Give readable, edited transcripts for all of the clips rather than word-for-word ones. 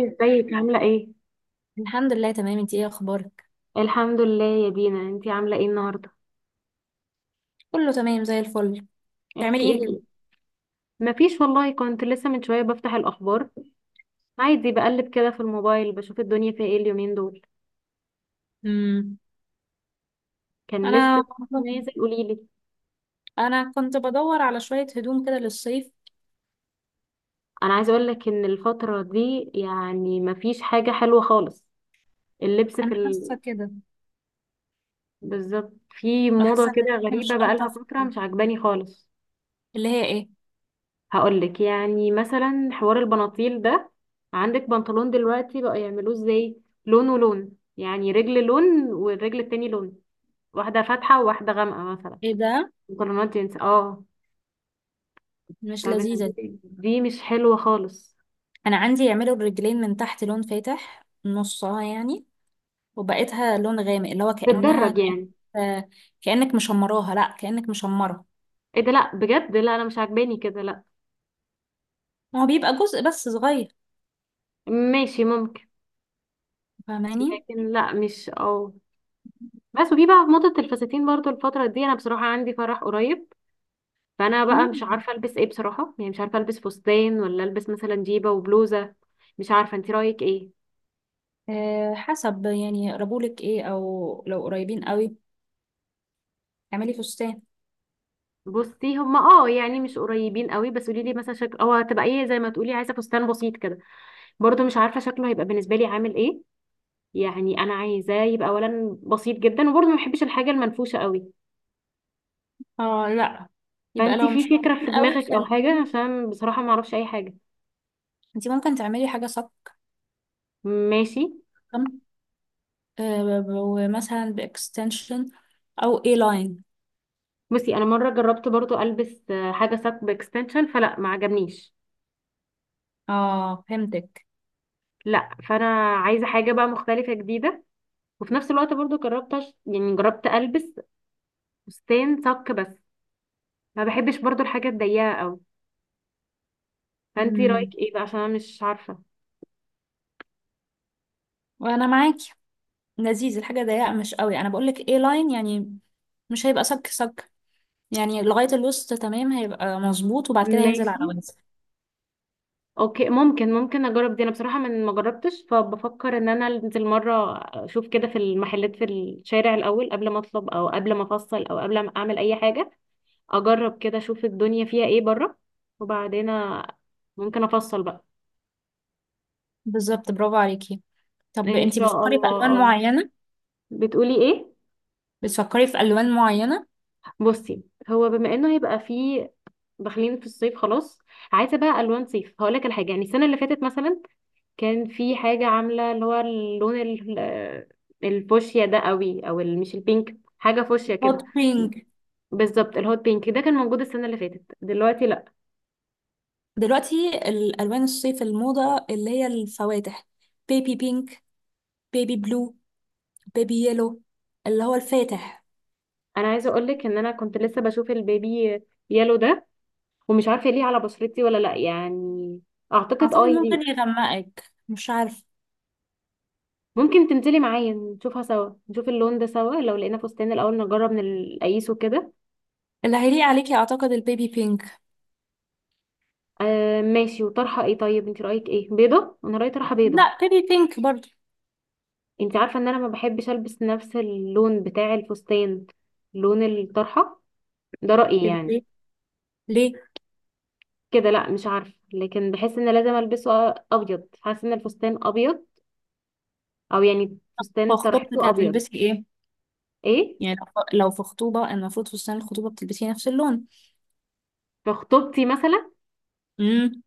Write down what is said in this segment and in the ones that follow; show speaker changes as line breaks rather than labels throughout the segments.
ازيك عاملة ايه؟
الحمد لله تمام، انتي ايه اخبارك؟
الحمد لله يا دينا، انتي عاملة ايه النهاردة؟
كله تمام زي الفل. بتعملي ايه كده؟
احكيلي. مفيش والله، كنت لسه من شوية بفتح الأخبار. عادي بقلب كده في الموبايل بشوف الدنيا فيها ايه اليومين دول.
امم.
كان
انا
لسه نازل، قوليلي.
انا كنت بدور على شويه هدوم كده للصيف.
أنا عايزة أقولك إن الفترة دي يعني مفيش حاجة حلوة خالص. اللبس
انا
في
حاسه كده.
بالظبط في
انا حاسه
موضة
ان
كده
هي مش
غريبة بقالها
الطف
فترة
حاجة.
مش عجباني خالص.
اللي هي ايه؟
هقولك يعني مثلا حوار البناطيل ده. عندك بنطلون دلوقتي بقى يعملوه ازاي، لون ولون، يعني رجل لون والرجل التاني لون، واحدة فاتحة وواحدة غامقة مثلا.
ايه ده؟
بنطلونات جينز اه.
مش
طب أنا
لذيذه دي.
دي مش حلوة خالص.
انا عندي يعملوا الرجلين من تحت لون فاتح نصها يعني، وبقيتها لون غامق اللي هو
بتدرج
كانها
يعني.
كأن... كانك مشمراها، لا كانك مشمره.
ايه ده، لا بجد، لا انا مش عاجباني كده، لا.
هو بيبقى جزء بس صغير.
ماشي ممكن،
فاهماني؟
لكن لا مش اه. بس وفي بقى موضة الفساتين برضو الفترة دي، انا بصراحة عندي فرح قريب، فانا بقى مش عارفه البس ايه بصراحه، يعني مش عارفه البس فستان ولا البس مثلا جيبه وبلوزه. مش عارفه، انت رايك ايه؟
آه، حسب يعني يقربولك ايه، او لو قريبين قوي اعملي فستان.
بصي هما اه يعني مش قريبين قوي، بس قولي لي مثلا شكل اه هتبقى ايه، زي ما تقولي عايزه فستان بسيط كده. برضو مش عارفه شكله هيبقى بالنسبه لي عامل ايه. يعني انا عايزاه يبقى اولا بسيط جدا، وبرضو ما بحبش الحاجه المنفوشه قوي.
اه لا، يبقى
فانت
لو
في
مش
فكره
قريبين
في
قوي
دماغك او
خليه.
حاجه، عشان بصراحه ما اعرفش اي حاجه.
انت ممكن تعملي حاجة
ماشي.
سبتم، ومثلا باكستنشن او اي لاين.
بصي، انا مره جربت برضو البس حاجه ساب اكستنشن فلا ما عجبنيش.
اه فهمتك.
لا فانا عايزه حاجه بقى مختلفه جديده. وفي نفس الوقت برضو جربت يعني جربت البس فستان صك بس، ما بحبش برضو الحاجه الضيقه قوي. فانتي رايك
مم.
ايه بقى، عشان انا مش عارفه.
وانا معاكي. لذيذ الحاجة ضيقة مش قوي. انا بقولك اي لاين، يعني مش هيبقى صك صك، يعني لغاية الوسط تمام هيبقى مظبوط، وبعد كده هينزل على
ماشي
وزن.
اوكي، ممكن اجرب دي. انا بصراحه من ما جربتش، فبفكر ان انا انزل مره اشوف كده في المحلات في الشارع الاول، قبل ما اطلب او قبل ما افصل او قبل ما اعمل اي حاجه. اجرب كده اشوف الدنيا فيها ايه بره، وبعدين أ- ممكن افصل بقى.
بالظبط، برافو عليكي. طب
ان
انتي
شاء
بتفكري في
الله
ألوان
اه.
معينة؟
بتقولي ايه؟
بتفكري في الوان معينه؟
بصي، هو بما انه هيبقى فيه داخلين في الصيف خلاص، عايزه بقى الوان صيف. هقول لك الحاجه يعني السنه اللي فاتت مثلا، كان في حاجه عامله اللي هو اللون الفوشيا ده قوي، او مش البينك، حاجه فوشيا
هوت
كده.
بينك.
بالظبط، الهوت بينك ده كان موجود السنه اللي فاتت، دلوقتي لا.
دلوقتي الالوان الصيف الموضه اللي هي الفواتح. بيبي بينك، بيبي بلو، بيبي يلو، اللي هو الفاتح.
انا عايزه اقول لك ان انا كنت لسه بشوف البيبي يالو ده، ومش عارفه ليه على بشرتي ولا لا يعني. اعتقد
اعتقد
اه
ممكن
يليق.
يغمقك، مش عارف.
ممكن تنزلي معايا نشوفها سوا، نشوف اللون ده سوا، لو لقينا فستان الاول نجرب نقيسه كده.
اللي هيليق عليكي اعتقد البيبي بينك.
آه ماشي، وطرحه ايه طيب؟ انت رايك ايه، بيضه؟ انا رايي طرحه بيضه.
لا، بيبي بينك برضو.
انت عارفه ان انا ما بحبش البس نفس اللون بتاع الفستان، لون الطرحه. ده رايي
كده
يعني.
ليه؟ ليه؟
كده لا مش عارفه، لكن بحس ان لازم البسه ابيض، حاسه ان الفستان ابيض، او يعني
في
فستان
خطوبتك
طرحته ابيض.
هتلبسي ايه؟
ايه؟
يعني لو في خطوبه المفروض فستان الخطوبه بتلبسي نفس اللون.
في خطوبتي مثلا؟
امم.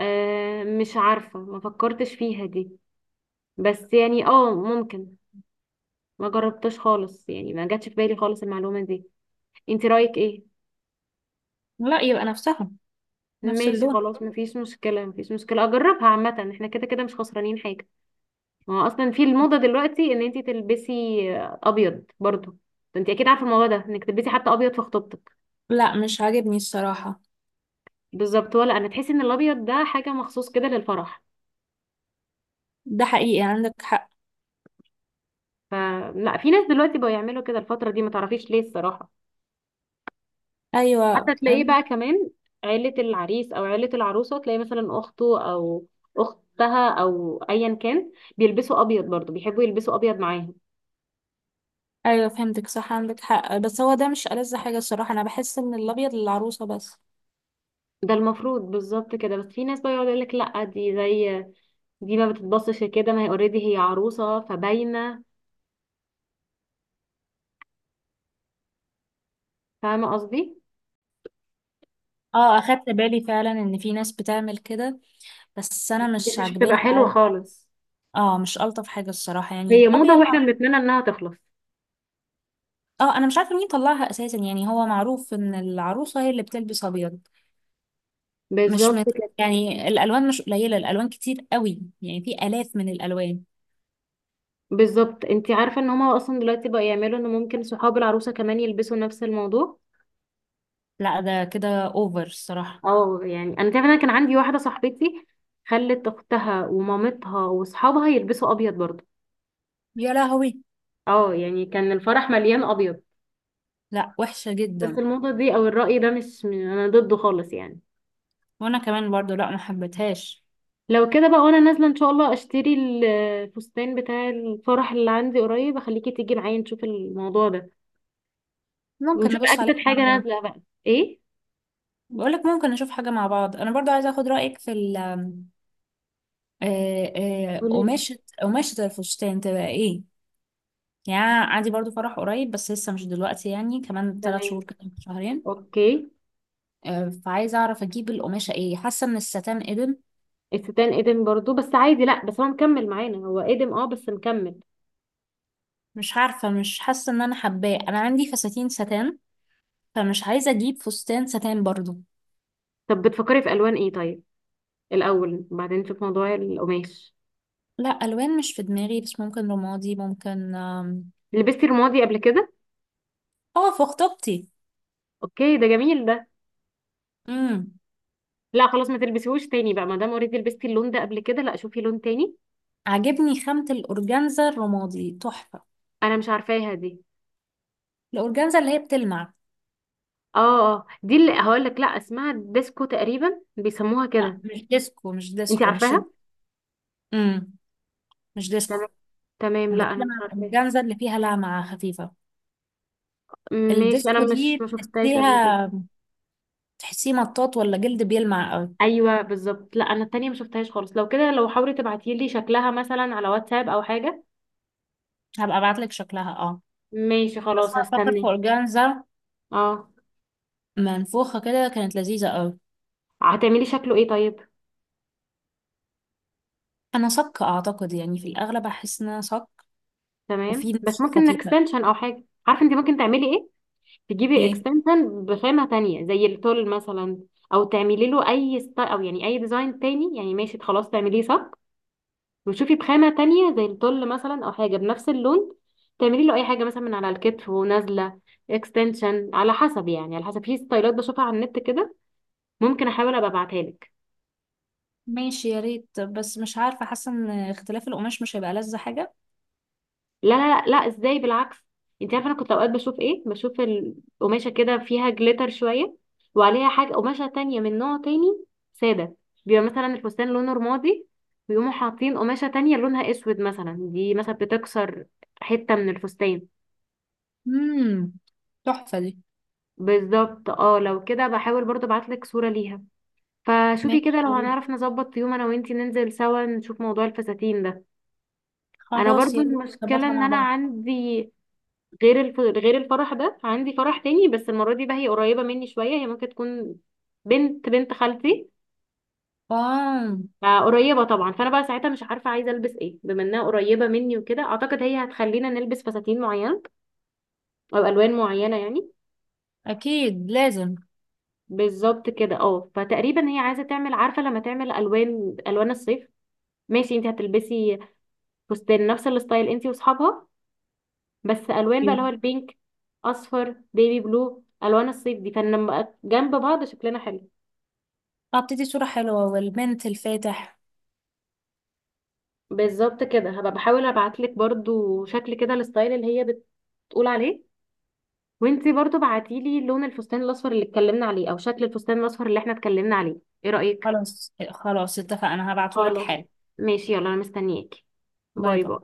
آه مش عارفه، ما فكرتش فيها دي. بس يعني اه ممكن. ما جربتش خالص يعني، ما جاتش في بالي خالص المعلومه دي. انت رايك ايه؟
لا، يبقى نفسها، نفس
ماشي
اللون.
خلاص، مفيش مشكلة مفيش مشكلة، اجربها عامة، احنا كده كده مش خسرانين حاجة. ما هو اصلا في الموضة دلوقتي ان انتي تلبسي ابيض برضو. انتي اكيد عارفة الموضوع ده، انك تلبسي حتى ابيض في خطوبتك.
لا مش عاجبني الصراحه.
بالظبط، ولا انا تحسي ان الابيض ده حاجة مخصوص كده للفرح.
ده حقيقي، عندك حق.
فلا، في ناس دلوقتي بقوا يعملوا كده الفترة دي، ما تعرفيش ليه الصراحة. حتى
ايوه
تلاقيه بقى كمان، عيلة العريس او عيلة العروسة تلاقي مثلا اخته او اختها او ايا كان بيلبسوا ابيض برضو، بيحبوا يلبسوا ابيض معاهم.
ايوه فهمتك، صح، عندك حق. بس هو ده مش ألذ حاجه الصراحه، انا بحس ان الابيض للعروسه بس.
ده المفروض بالظبط كده، بس في ناس بقى يقعد يقول لك لا دي زي دي، ما بتتبصش كده، ما هي اوريدي هي عروسه فباينه. فاهمه قصدي.
اه اخدت بالي فعلا ان في ناس بتعمل كده، بس انا
دي
مش
مش بتبقى
عاجباني
حلوة
العاده.
خالص.
اه مش الطف حاجه الصراحه يعني
هي موضة
الابيض.
واحنا بنتمنى انها تخلص.
اه انا مش عارفه مين طلعها اساسا، يعني هو معروف ان العروسه هي اللي بتلبس ابيض. مش
بالظبط
مت...
كده.
يعني الالوان مش قليله، الالوان كتير قوي يعني في الاف من الالوان.
بالظبط، انت عارفه ان هما اصلا دلوقتي بقى يعملوا ان ممكن صحاب العروسه كمان يلبسوا نفس الموضوع.
لا ده كده اوفر الصراحه.
اه يعني انا تعرف، انا كان عندي واحدة صاحبتي خلت اختها ومامتها واصحابها يلبسوا ابيض برضه.
يا لهوي.
اه يعني كان الفرح مليان ابيض.
لا وحشه
بس
جدا.
الموضة دي او الرأي ده مش انا ضده خالص يعني.
وانا كمان برضو، لا ما حبيتهاش.
لو كده بقى وانا نازلة ان شاء الله اشتري الفستان بتاع الفرح اللي عندي قريب، اخليكي تيجي معايا نشوف الموضوع ده،
ممكن
ونشوف
نبص عليها
اجدد
مع
حاجة
بعض.
نازلة بقى. ايه؟
بقول لك ممكن نشوف حاجة مع بعض، أنا برضو عايزة أخد رأيك في ال
قوليلي.
قماشة. قماشة الفستان تبقى إيه؟ يعني أنا عندي برضو فرح قريب بس لسه مش دلوقتي، يعني كمان ثلاث
تمام،
شهور كده، شهرين.
اوكي.
فعايزة أعرف أجيب القماشة إيه، حاسة إن الستان قدم.
الستان ادم برضو، بس عادي، لا بس هو مكمل معانا، هو ادم اه بس مكمل.
مش عارفة، مش حاسة إن أنا حباه. أنا عندي فساتين ستان، فمش عايزة أجيب فستان ستان برضو.
طب بتفكري في الوان ايه طيب، الاول بعدين نشوف موضوع القماش.
لا، ألوان مش في دماغي، بس ممكن رمادي، ممكن
لبستي رمادي قبل كده؟
اه في خطوبتي.
اوكي ده جميل ده.
امم.
لا خلاص ما تلبسيهوش تاني بقى، ما دام اوريدي لبستي اللون ده قبل كده، لا شوفي لون تاني.
عجبني خامة الأورجانزا الرمادي تحفة.
انا مش عارفاها دي.
الأورجانزا اللي هي بتلمع.
اه. اه دي اللي هقول لك، لا اسمها ديسكو تقريبا، بيسموها
لا
كده.
مش ديسكو، مش
انت
ديسكو،
عارفاها؟
امم. مش ديسكو.
تمام، تمام،
أنا
لا انا
بتكلم عن
مش عارفاها.
الأورجانزا اللي فيها لمعة خفيفة.
ماشي انا
الديسكو
مش، ما
دي
شفتهاش قبل كده.
تحسيها، تحسيه مطاط ولا جلد بيلمع أوي.
ايوه بالظبط، لا انا التانية ما شفتهاش خالص. لو كده، لو حاولي تبعتي لي شكلها مثلا على واتساب او حاجه.
هبقى أبعتلك شكلها، اه.
ماشي
بس
خلاص،
أنا فاكر في
هستناك.
أورجانزا
اه.
منفوخة كده كانت لذيذة أوي.
هتعملي شكله ايه طيب؟
أنا صك أعتقد، يعني في الأغلب أحس إن أنا صك. وفي
تمام، بس
نسخ
ممكن
خفيفة.
اكستنشن او حاجه، عارفه انت ممكن تعملي ايه، تجيبي
إيه؟
اكستنشن بخامة تانية زي التول مثلا، او تعملي له او يعني اي ديزاين تاني. يعني ماشي خلاص، تعمليه صك، وتشوفي بخامة تانية زي التول مثلا، او حاجة بنفس اللون. تعملي له اي حاجة مثلا من على الكتف ونازلة اكستنشن، على حسب، يعني على حسب، في ستايلات بشوفها على النت كده. ممكن احاول ابقى ابعتها لك.
ماشي يا ريت. بس مش عارفة، حاسة إن اختلاف القماش مش هيبقى لذة حاجة.
لا لا لا، ازاي، بالعكس. انت عارفه، انا كنت اوقات بشوف ايه، بشوف قماشه كده فيها جليتر شويه، وعليها حاجه قماشه تانية من نوع تاني ساده. بيبقى مثلا الفستان لونه رمادي، ويقوموا حاطين قماشه تانية لونها اسود مثلا، دي مثلا بتكسر حته من الفستان.
امم. تحفة دي.
بالظبط اه، لو كده بحاول برضه ابعتلك صوره ليها. فشوفي
ماشي
كده لو
يا ريت،
هنعرف نظبط يوم انا وانتي ننزل سوا نشوف موضوع الفساتين ده. انا
خلاص
برضو
يا ريت
المشكله
نظبطها
ان
مع
انا
بعض.
عندي غير الفرح ده، عندي فرح تاني، بس المرة دي بقى هي قريبة مني شوية، هي ممكن تكون بنت بنت خالتي،
اه
فقريبة طبعا. فأنا بقى ساعتها مش عارفة عايزة ألبس ايه، بما إنها قريبة مني وكده، أعتقد هي هتخلينا نلبس فساتين معينة أو ألوان معينة يعني.
اكيد لازم.
بالظبط كده اه، فتقريبا هي عايزة تعمل، عارفة لما تعمل ألوان، ألوان الصيف. ماشي انت هتلبسي فستان نفس الستايل انت واصحابها، بس ألوان بقى،
ايوه
اللي هو البينك، أصفر، بيبي بلو، ألوان الصيف دي، فلما بقى جنب بعض شكلنا حلو.
هبتدي صورة حلوة، والمنت الفاتح.
بالظبط كده. هبقى بحاول ابعتلك برضو شكل كده الستايل اللي هي بتقول عليه، وانتي برضو بعتيلي لون الفستان الاصفر اللي اتكلمنا عليه او شكل الفستان الاصفر اللي احنا اتكلمنا عليه. ايه رأيك؟
خلاص خلاص اتفقنا، هبعتهولك
خلاص
حالا.
ماشي، يلا انا مستنياكي.
باي
باي باي.
باي.